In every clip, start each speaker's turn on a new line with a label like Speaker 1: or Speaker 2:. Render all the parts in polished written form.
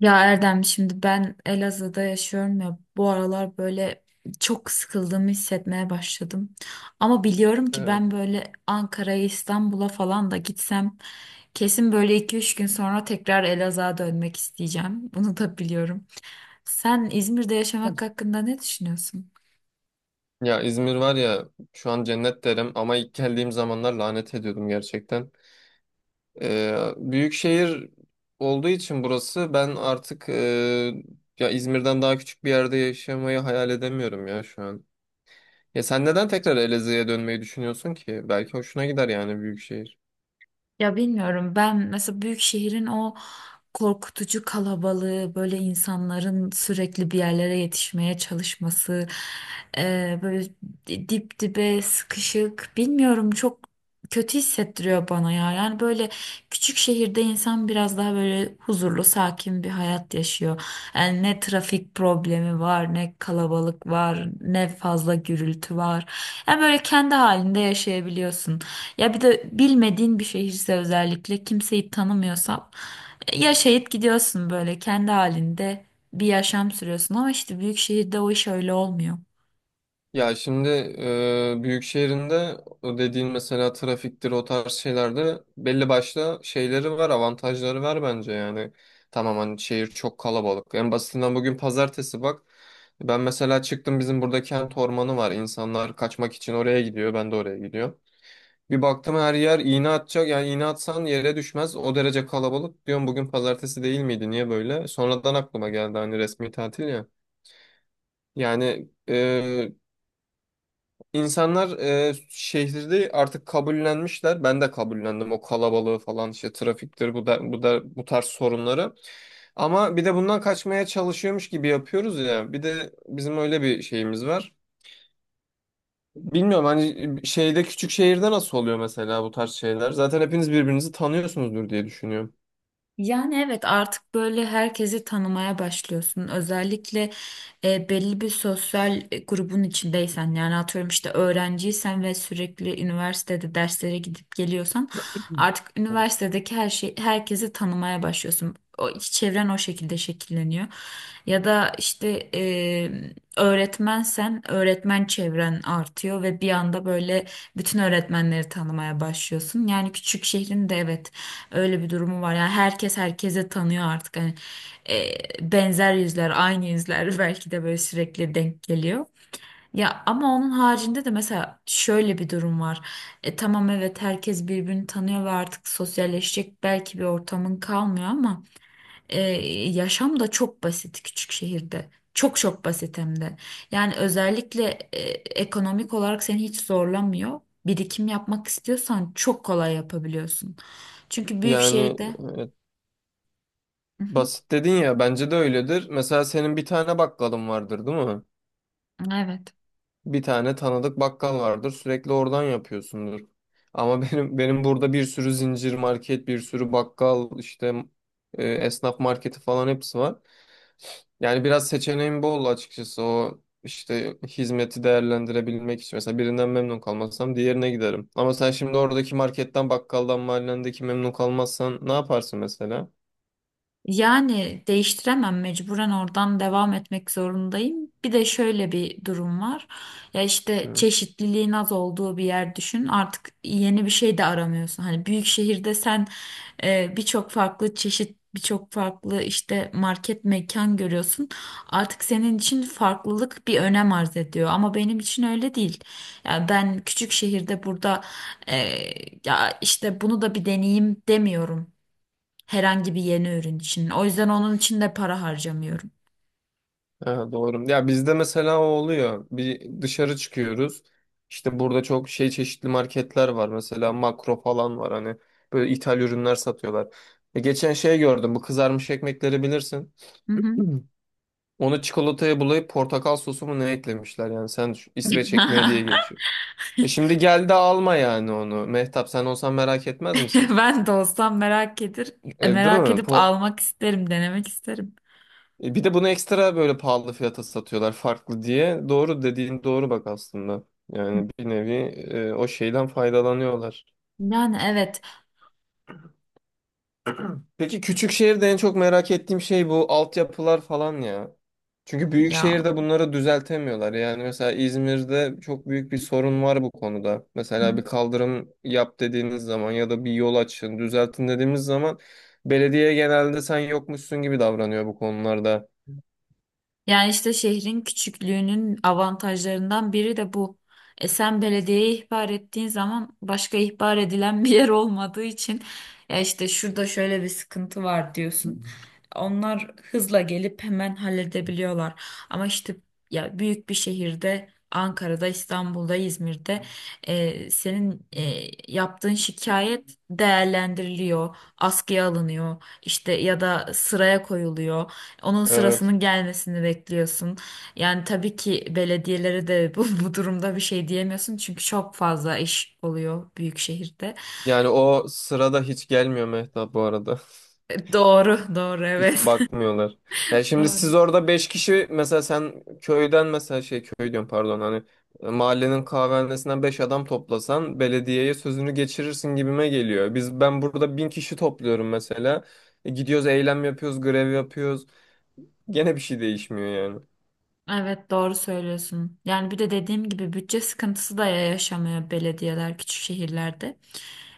Speaker 1: Ya Erdem şimdi ben Elazığ'da yaşıyorum ya bu aralar böyle çok sıkıldığımı hissetmeye başladım. Ama biliyorum ki ben
Speaker 2: Evet.
Speaker 1: böyle Ankara'ya İstanbul'a falan da gitsem kesin böyle iki üç gün sonra tekrar Elazığ'a dönmek isteyeceğim. Bunu da biliyorum. Sen İzmir'de yaşamak hakkında ne düşünüyorsun?
Speaker 2: Ya İzmir var ya şu an cennet derim ama ilk geldiğim zamanlar lanet ediyordum gerçekten. Büyük şehir olduğu için burası ben artık ya İzmir'den daha küçük bir yerde yaşamayı hayal edemiyorum ya şu an. Ya sen neden tekrar Elazığ'a dönmeyi düşünüyorsun ki? Belki hoşuna gider yani büyük şehir.
Speaker 1: Ya bilmiyorum ben mesela büyük şehrin o korkutucu kalabalığı, böyle insanların sürekli bir yerlere yetişmeye çalışması, böyle dip dibe sıkışık, bilmiyorum çok kötü hissettiriyor bana ya. Yani böyle küçük şehirde insan biraz daha böyle huzurlu, sakin bir hayat yaşıyor. Yani ne trafik problemi var, ne kalabalık var, ne fazla gürültü var. Yani böyle kendi halinde yaşayabiliyorsun. Ya bir de bilmediğin bir şehirse özellikle kimseyi tanımıyorsan ya şehit gidiyorsun böyle kendi halinde bir yaşam sürüyorsun ama işte büyük şehirde o iş öyle olmuyor.
Speaker 2: Ya şimdi büyük şehrinde o dediğin mesela trafiktir o tarz şeylerde belli başlı şeyleri var avantajları var bence yani. Tamam hani şehir çok kalabalık. En basitinden bugün pazartesi bak. Ben mesela çıktım bizim burada kent ormanı var. İnsanlar kaçmak için oraya gidiyor ben de oraya gidiyorum. Bir baktım her yer iğne atacak yani iğne atsan yere düşmez o derece kalabalık. Diyorum bugün pazartesi değil miydi niye böyle? Sonradan aklıma geldi hani resmi tatil ya. Yani İnsanlar e, şehirde artık kabullenmişler. Ben de kabullendim o kalabalığı falan işte trafiktir bu da bu tarz sorunları. Ama bir de bundan kaçmaya çalışıyormuş gibi yapıyoruz ya. Bir de bizim öyle bir şeyimiz var. Bilmiyorum hani şeyde küçük şehirde nasıl oluyor mesela bu tarz şeyler? Zaten hepiniz birbirinizi tanıyorsunuzdur diye düşünüyorum.
Speaker 1: Yani evet artık böyle herkesi tanımaya başlıyorsun. Özellikle belli bir sosyal grubun içindeysen yani atıyorum işte öğrenciysen ve sürekli üniversitede derslere gidip geliyorsan artık
Speaker 2: Evet.
Speaker 1: üniversitedeki her şey herkesi tanımaya başlıyorsun. O iç çevren o şekilde şekilleniyor. Ya da işte öğretmensen öğretmen çevren artıyor ve bir anda böyle bütün öğretmenleri tanımaya başlıyorsun. Yani küçük şehrin de evet öyle bir durumu var. Yani herkes herkese tanıyor artık. Hani e, benzer yüzler, aynı yüzler belki de böyle sürekli denk geliyor. Ya ama onun haricinde de mesela şöyle bir durum var. E, tamam evet herkes birbirini tanıyor ve artık sosyalleşecek belki bir ortamın kalmıyor ama e, yaşam da çok basit küçük şehirde. Çok çok basit hem de. Yani özellikle e, ekonomik olarak seni hiç zorlamıyor. Birikim yapmak istiyorsan çok kolay yapabiliyorsun. Çünkü büyük
Speaker 2: Yani
Speaker 1: şehirde
Speaker 2: e,
Speaker 1: hı hı,
Speaker 2: basit dedin ya bence de öyledir. Mesela senin bir tane bakkalın vardır değil mi?
Speaker 1: evet.
Speaker 2: Bir tane tanıdık bakkal vardır. Sürekli oradan yapıyorsundur. Ama benim burada bir sürü zincir market, bir sürü bakkal, işte esnaf marketi falan hepsi var. Yani biraz seçeneğim bol açıkçası. O işte hizmeti değerlendirebilmek için. Mesela birinden memnun kalmazsam diğerine giderim. Ama sen şimdi oradaki marketten, bakkaldan, mahallendeki memnun kalmazsan ne yaparsın mesela?
Speaker 1: Yani değiştiremem, mecburen oradan devam etmek zorundayım. Bir de şöyle bir durum var. Ya işte çeşitliliğin az olduğu bir yer düşün. Artık yeni bir şey de aramıyorsun. Hani büyük şehirde sen birçok farklı çeşit, birçok farklı işte market mekan görüyorsun. Artık senin için farklılık bir önem arz ediyor. Ama benim için öyle değil. Ya ben küçük şehirde burada e, ya işte bunu da bir deneyeyim demiyorum. Herhangi bir yeni ürün için. O yüzden onun için de para harcamıyorum.
Speaker 2: Ha, doğru. Ya bizde mesela o oluyor. Bir dışarı çıkıyoruz. İşte burada çok şey çeşitli marketler var. Mesela Makro falan var. Hani böyle ithal ürünler satıyorlar. Geçen şey gördüm. Bu kızarmış ekmekleri bilirsin.
Speaker 1: Hı hı.
Speaker 2: Hı. Onu çikolataya bulayıp portakal sosu mu ne eklemişler yani. Sen düşün, İsveç ekmeği diye geçiyor. Şimdi gel de alma yani onu. Mehtap sen olsan merak etmez misin?
Speaker 1: Ben de olsam
Speaker 2: Değil
Speaker 1: merak
Speaker 2: mi?
Speaker 1: edip almak isterim, denemek isterim.
Speaker 2: Bir de bunu ekstra böyle pahalı fiyata satıyorlar farklı diye. Doğru dediğin doğru bak aslında. Yani bir nevi o şeyden faydalanıyorlar.
Speaker 1: Yani evet
Speaker 2: Peki küçük şehirde en çok merak ettiğim şey bu altyapılar falan ya. Çünkü büyük
Speaker 1: ya.
Speaker 2: şehirde bunları düzeltemiyorlar. Yani mesela İzmir'de çok büyük bir sorun var bu konuda. Mesela bir kaldırım yap dediğiniz zaman ya da bir yol açın, düzeltin dediğimiz zaman belediye genelde sen yokmuşsun gibi davranıyor bu konularda.
Speaker 1: Yani işte şehrin küçüklüğünün avantajlarından biri de bu. E sen belediyeye ihbar ettiğin zaman başka ihbar edilen bir yer olmadığı için ya işte şurada şöyle bir sıkıntı var diyorsun. Onlar hızla gelip hemen halledebiliyorlar. Ama işte ya büyük bir şehirde Ankara'da, İstanbul'da, İzmir'de senin yaptığın şikayet değerlendiriliyor, askıya alınıyor, işte ya da sıraya koyuluyor. Onun
Speaker 2: Evet.
Speaker 1: sırasının gelmesini bekliyorsun. Yani tabii ki belediyelere de bu durumda bir şey diyemiyorsun çünkü çok fazla iş oluyor büyük şehirde.
Speaker 2: Yani o sırada hiç gelmiyor Mehtap bu arada.
Speaker 1: Doğru, doğru
Speaker 2: Hiç
Speaker 1: evet.
Speaker 2: bakmıyorlar. Yani şimdi siz
Speaker 1: Doğru.
Speaker 2: orada 5 kişi mesela sen köyden mesela şey köy diyorum pardon hani mahallenin kahvehanesinden 5 adam toplasan belediyeye sözünü geçirirsin gibime geliyor. Biz ben burada 1000 kişi topluyorum mesela. Gidiyoruz eylem yapıyoruz, grev yapıyoruz. Gene bir şey değişmiyor yani.
Speaker 1: Evet doğru söylüyorsun. Yani bir de dediğim gibi bütçe sıkıntısı da yaşamıyor belediyeler küçük şehirlerde.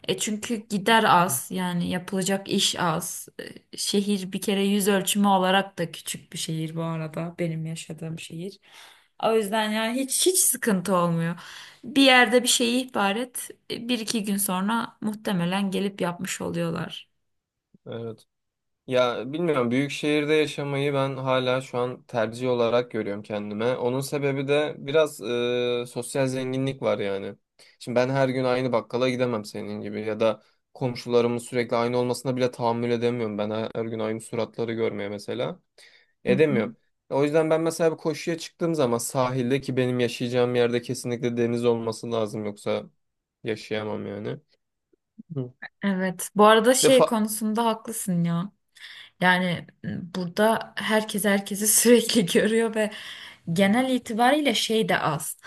Speaker 1: E çünkü gider az yani yapılacak iş az. Şehir bir kere yüz ölçümü olarak da küçük bir şehir bu arada benim yaşadığım şehir. O yüzden yani hiç sıkıntı olmuyor. Bir yerde bir şeyi ihbar et, bir iki gün sonra muhtemelen gelip yapmış oluyorlar.
Speaker 2: Evet. Ya bilmiyorum büyük şehirde yaşamayı ben hala şu an tercih olarak görüyorum kendime. Onun sebebi de biraz sosyal zenginlik var yani. Şimdi ben her gün aynı bakkala gidemem senin gibi ya da komşularımın sürekli aynı olmasına bile tahammül edemiyorum. Ben her gün aynı suratları görmeye mesela
Speaker 1: Hı hı.
Speaker 2: edemiyorum. O yüzden ben mesela bir koşuya çıktığım zaman sahilde ki benim yaşayacağım yerde kesinlikle deniz olması lazım yoksa yaşayamam yani. Hı.
Speaker 1: Evet bu arada
Speaker 2: İşte
Speaker 1: şey konusunda haklısın ya. Yani burada herkes herkesi sürekli görüyor ve genel itibariyle şey de az.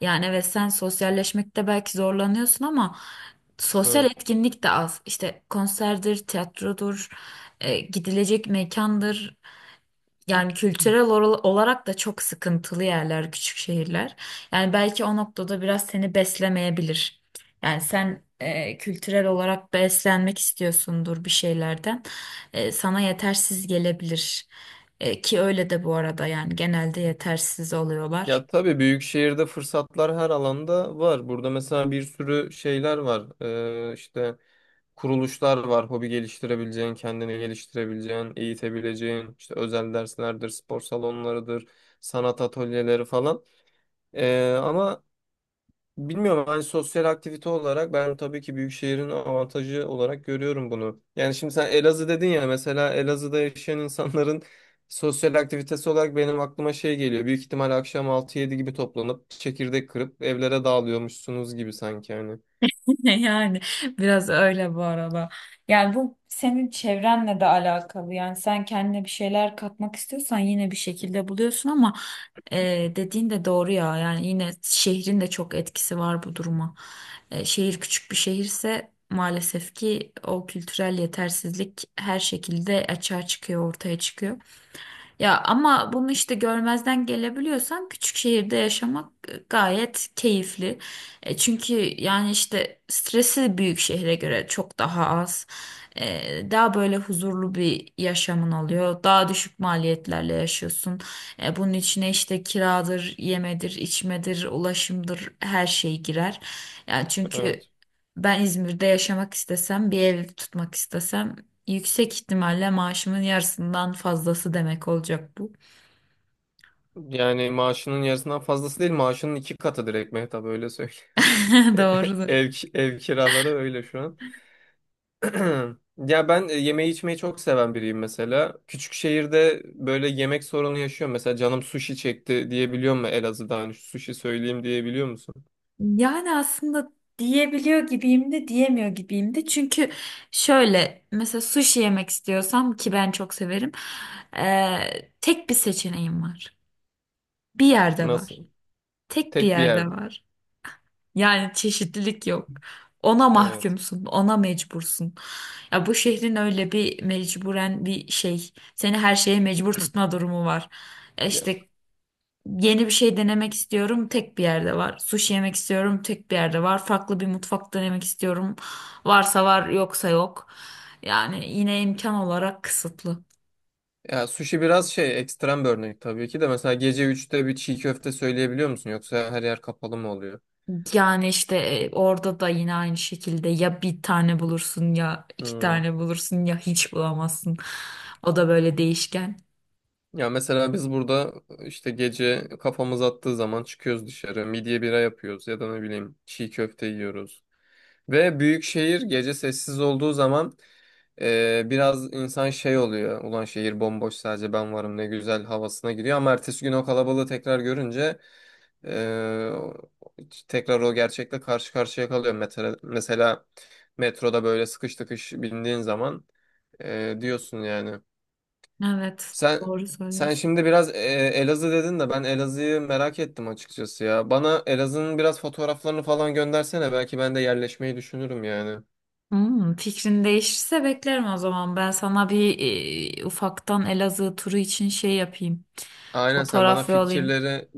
Speaker 1: Yani evet sen sosyalleşmekte belki zorlanıyorsun ama sosyal
Speaker 2: evet.
Speaker 1: etkinlik de az. İşte konserdir, tiyatrodur, gidilecek mekandır. Yani kültürel olarak da çok sıkıntılı yerler, küçük şehirler. Yani belki o noktada biraz seni beslemeyebilir. Yani sen kültürel olarak beslenmek istiyorsundur bir şeylerden. Sana yetersiz gelebilir. E, ki öyle de bu arada yani genelde yetersiz oluyorlar.
Speaker 2: Ya tabii büyük şehirde fırsatlar her alanda var. Burada mesela bir sürü şeyler var. İşte kuruluşlar var. Hobi geliştirebileceğin, kendini geliştirebileceğin, eğitebileceğin. İşte özel derslerdir, spor salonlarıdır, sanat atölyeleri falan. Ama bilmiyorum hani sosyal aktivite olarak ben tabii ki büyük şehrin avantajı olarak görüyorum bunu. Yani şimdi sen Elazığ dedin ya mesela Elazığ'da yaşayan insanların sosyal aktivitesi olarak benim aklıma şey geliyor. Büyük ihtimal akşam altı yedi gibi toplanıp çekirdek kırıp evlere dağılıyormuşsunuz gibi sanki hani.
Speaker 1: Yani biraz öyle bu arada. Yani bu senin çevrenle de alakalı. Yani sen kendine bir şeyler katmak istiyorsan yine bir şekilde buluyorsun ama e, dediğin de doğru ya. Yani yine şehrin de çok etkisi var bu duruma. Şehir küçük bir şehirse maalesef ki o kültürel yetersizlik her şekilde açığa çıkıyor, ortaya çıkıyor. Ya ama bunu işte görmezden gelebiliyorsan küçük şehirde yaşamak gayet keyifli. E, çünkü yani işte stresi büyük şehre göre çok daha az. Daha böyle huzurlu bir yaşamın oluyor. Daha düşük maliyetlerle yaşıyorsun. Bunun içine işte kiradır, yemedir, içmedir, ulaşımdır her şey girer. Yani çünkü
Speaker 2: Evet.
Speaker 1: ben İzmir'de yaşamak istesem, bir ev tutmak istesem yüksek ihtimalle maaşımın yarısından fazlası demek olacak bu.
Speaker 2: Yani maaşının yarısından fazlası değil maaşının iki katı direkt Mehtap öyle söyleyeyim.
Speaker 1: Doğrudur.
Speaker 2: Ev kiraları öyle şu an. Ya ben yemeği içmeyi çok seven biriyim mesela. Küçük şehirde böyle yemek sorunu yaşıyorum. Mesela canım sushi çekti diyebiliyor mu Elazığ'da hani şu sushi söyleyeyim diyebiliyor musun?
Speaker 1: Yani aslında diyebiliyor gibiyim de diyemiyor gibiyim de. Çünkü şöyle mesela sushi yemek istiyorsam ki ben çok severim. Tek bir seçeneğim var. Bir yerde var.
Speaker 2: Nasıl?
Speaker 1: Tek bir
Speaker 2: Tek bir
Speaker 1: yerde
Speaker 2: yerde.
Speaker 1: var. Yani çeşitlilik yok. Ona
Speaker 2: Evet.
Speaker 1: mahkumsun, ona mecbursun. Ya bu şehrin öyle bir mecburen bir şey. Seni her şeye mecbur tutma durumu var. E
Speaker 2: Ya,
Speaker 1: İşte yeni bir şey denemek istiyorum, tek bir yerde var. Sushi yemek istiyorum, tek bir yerde var. Farklı bir mutfak denemek istiyorum. Varsa var, yoksa yok. Yani yine imkan olarak kısıtlı.
Speaker 2: ya, sushi biraz şey ekstrem bir örnek tabii ki de. Mesela gece üçte bir çiğ köfte söyleyebiliyor musun? Yoksa her yer kapalı mı oluyor?
Speaker 1: Yani işte orada da yine aynı şekilde ya bir tane bulursun ya iki
Speaker 2: Hmm.
Speaker 1: tane bulursun ya hiç bulamazsın. O da böyle değişken.
Speaker 2: Ya mesela biz burada işte gece kafamız attığı zaman çıkıyoruz dışarı. Midye bira yapıyoruz ya da ne bileyim çiğ köfte yiyoruz. Ve büyük şehir gece sessiz olduğu zaman biraz insan şey oluyor. Ulan şehir bomboş sadece ben varım ne güzel havasına giriyor. Ama ertesi gün o kalabalığı tekrar görünce e, tekrar o gerçekle karşı karşıya kalıyor. Mesela metroda böyle sıkış tıkış bindiğin zaman diyorsun yani.
Speaker 1: Evet,
Speaker 2: Sen
Speaker 1: doğru
Speaker 2: sen
Speaker 1: söylüyorsun.
Speaker 2: şimdi biraz Elazığ dedin de ben Elazığ'ı merak ettim açıkçası ya. Bana Elazığ'ın biraz fotoğraflarını falan göndersene. Belki ben de yerleşmeyi düşünürüm yani.
Speaker 1: Hmm, fikrin değişirse beklerim o zaman. Ben sana bir ufaktan Elazığ turu için şey yapayım.
Speaker 2: Aynen sen bana
Speaker 1: Fotoğraf yollayayım.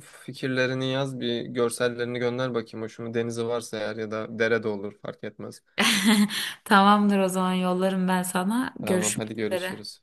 Speaker 2: fikirlerini yaz bir görsellerini gönder bakayım. Hoşuma denizi varsa eğer ya da dere de olur fark etmez.
Speaker 1: Tamamdır o zaman yollarım ben sana.
Speaker 2: Tamam
Speaker 1: Görüşmek
Speaker 2: hadi
Speaker 1: üzere.
Speaker 2: görüşürüz.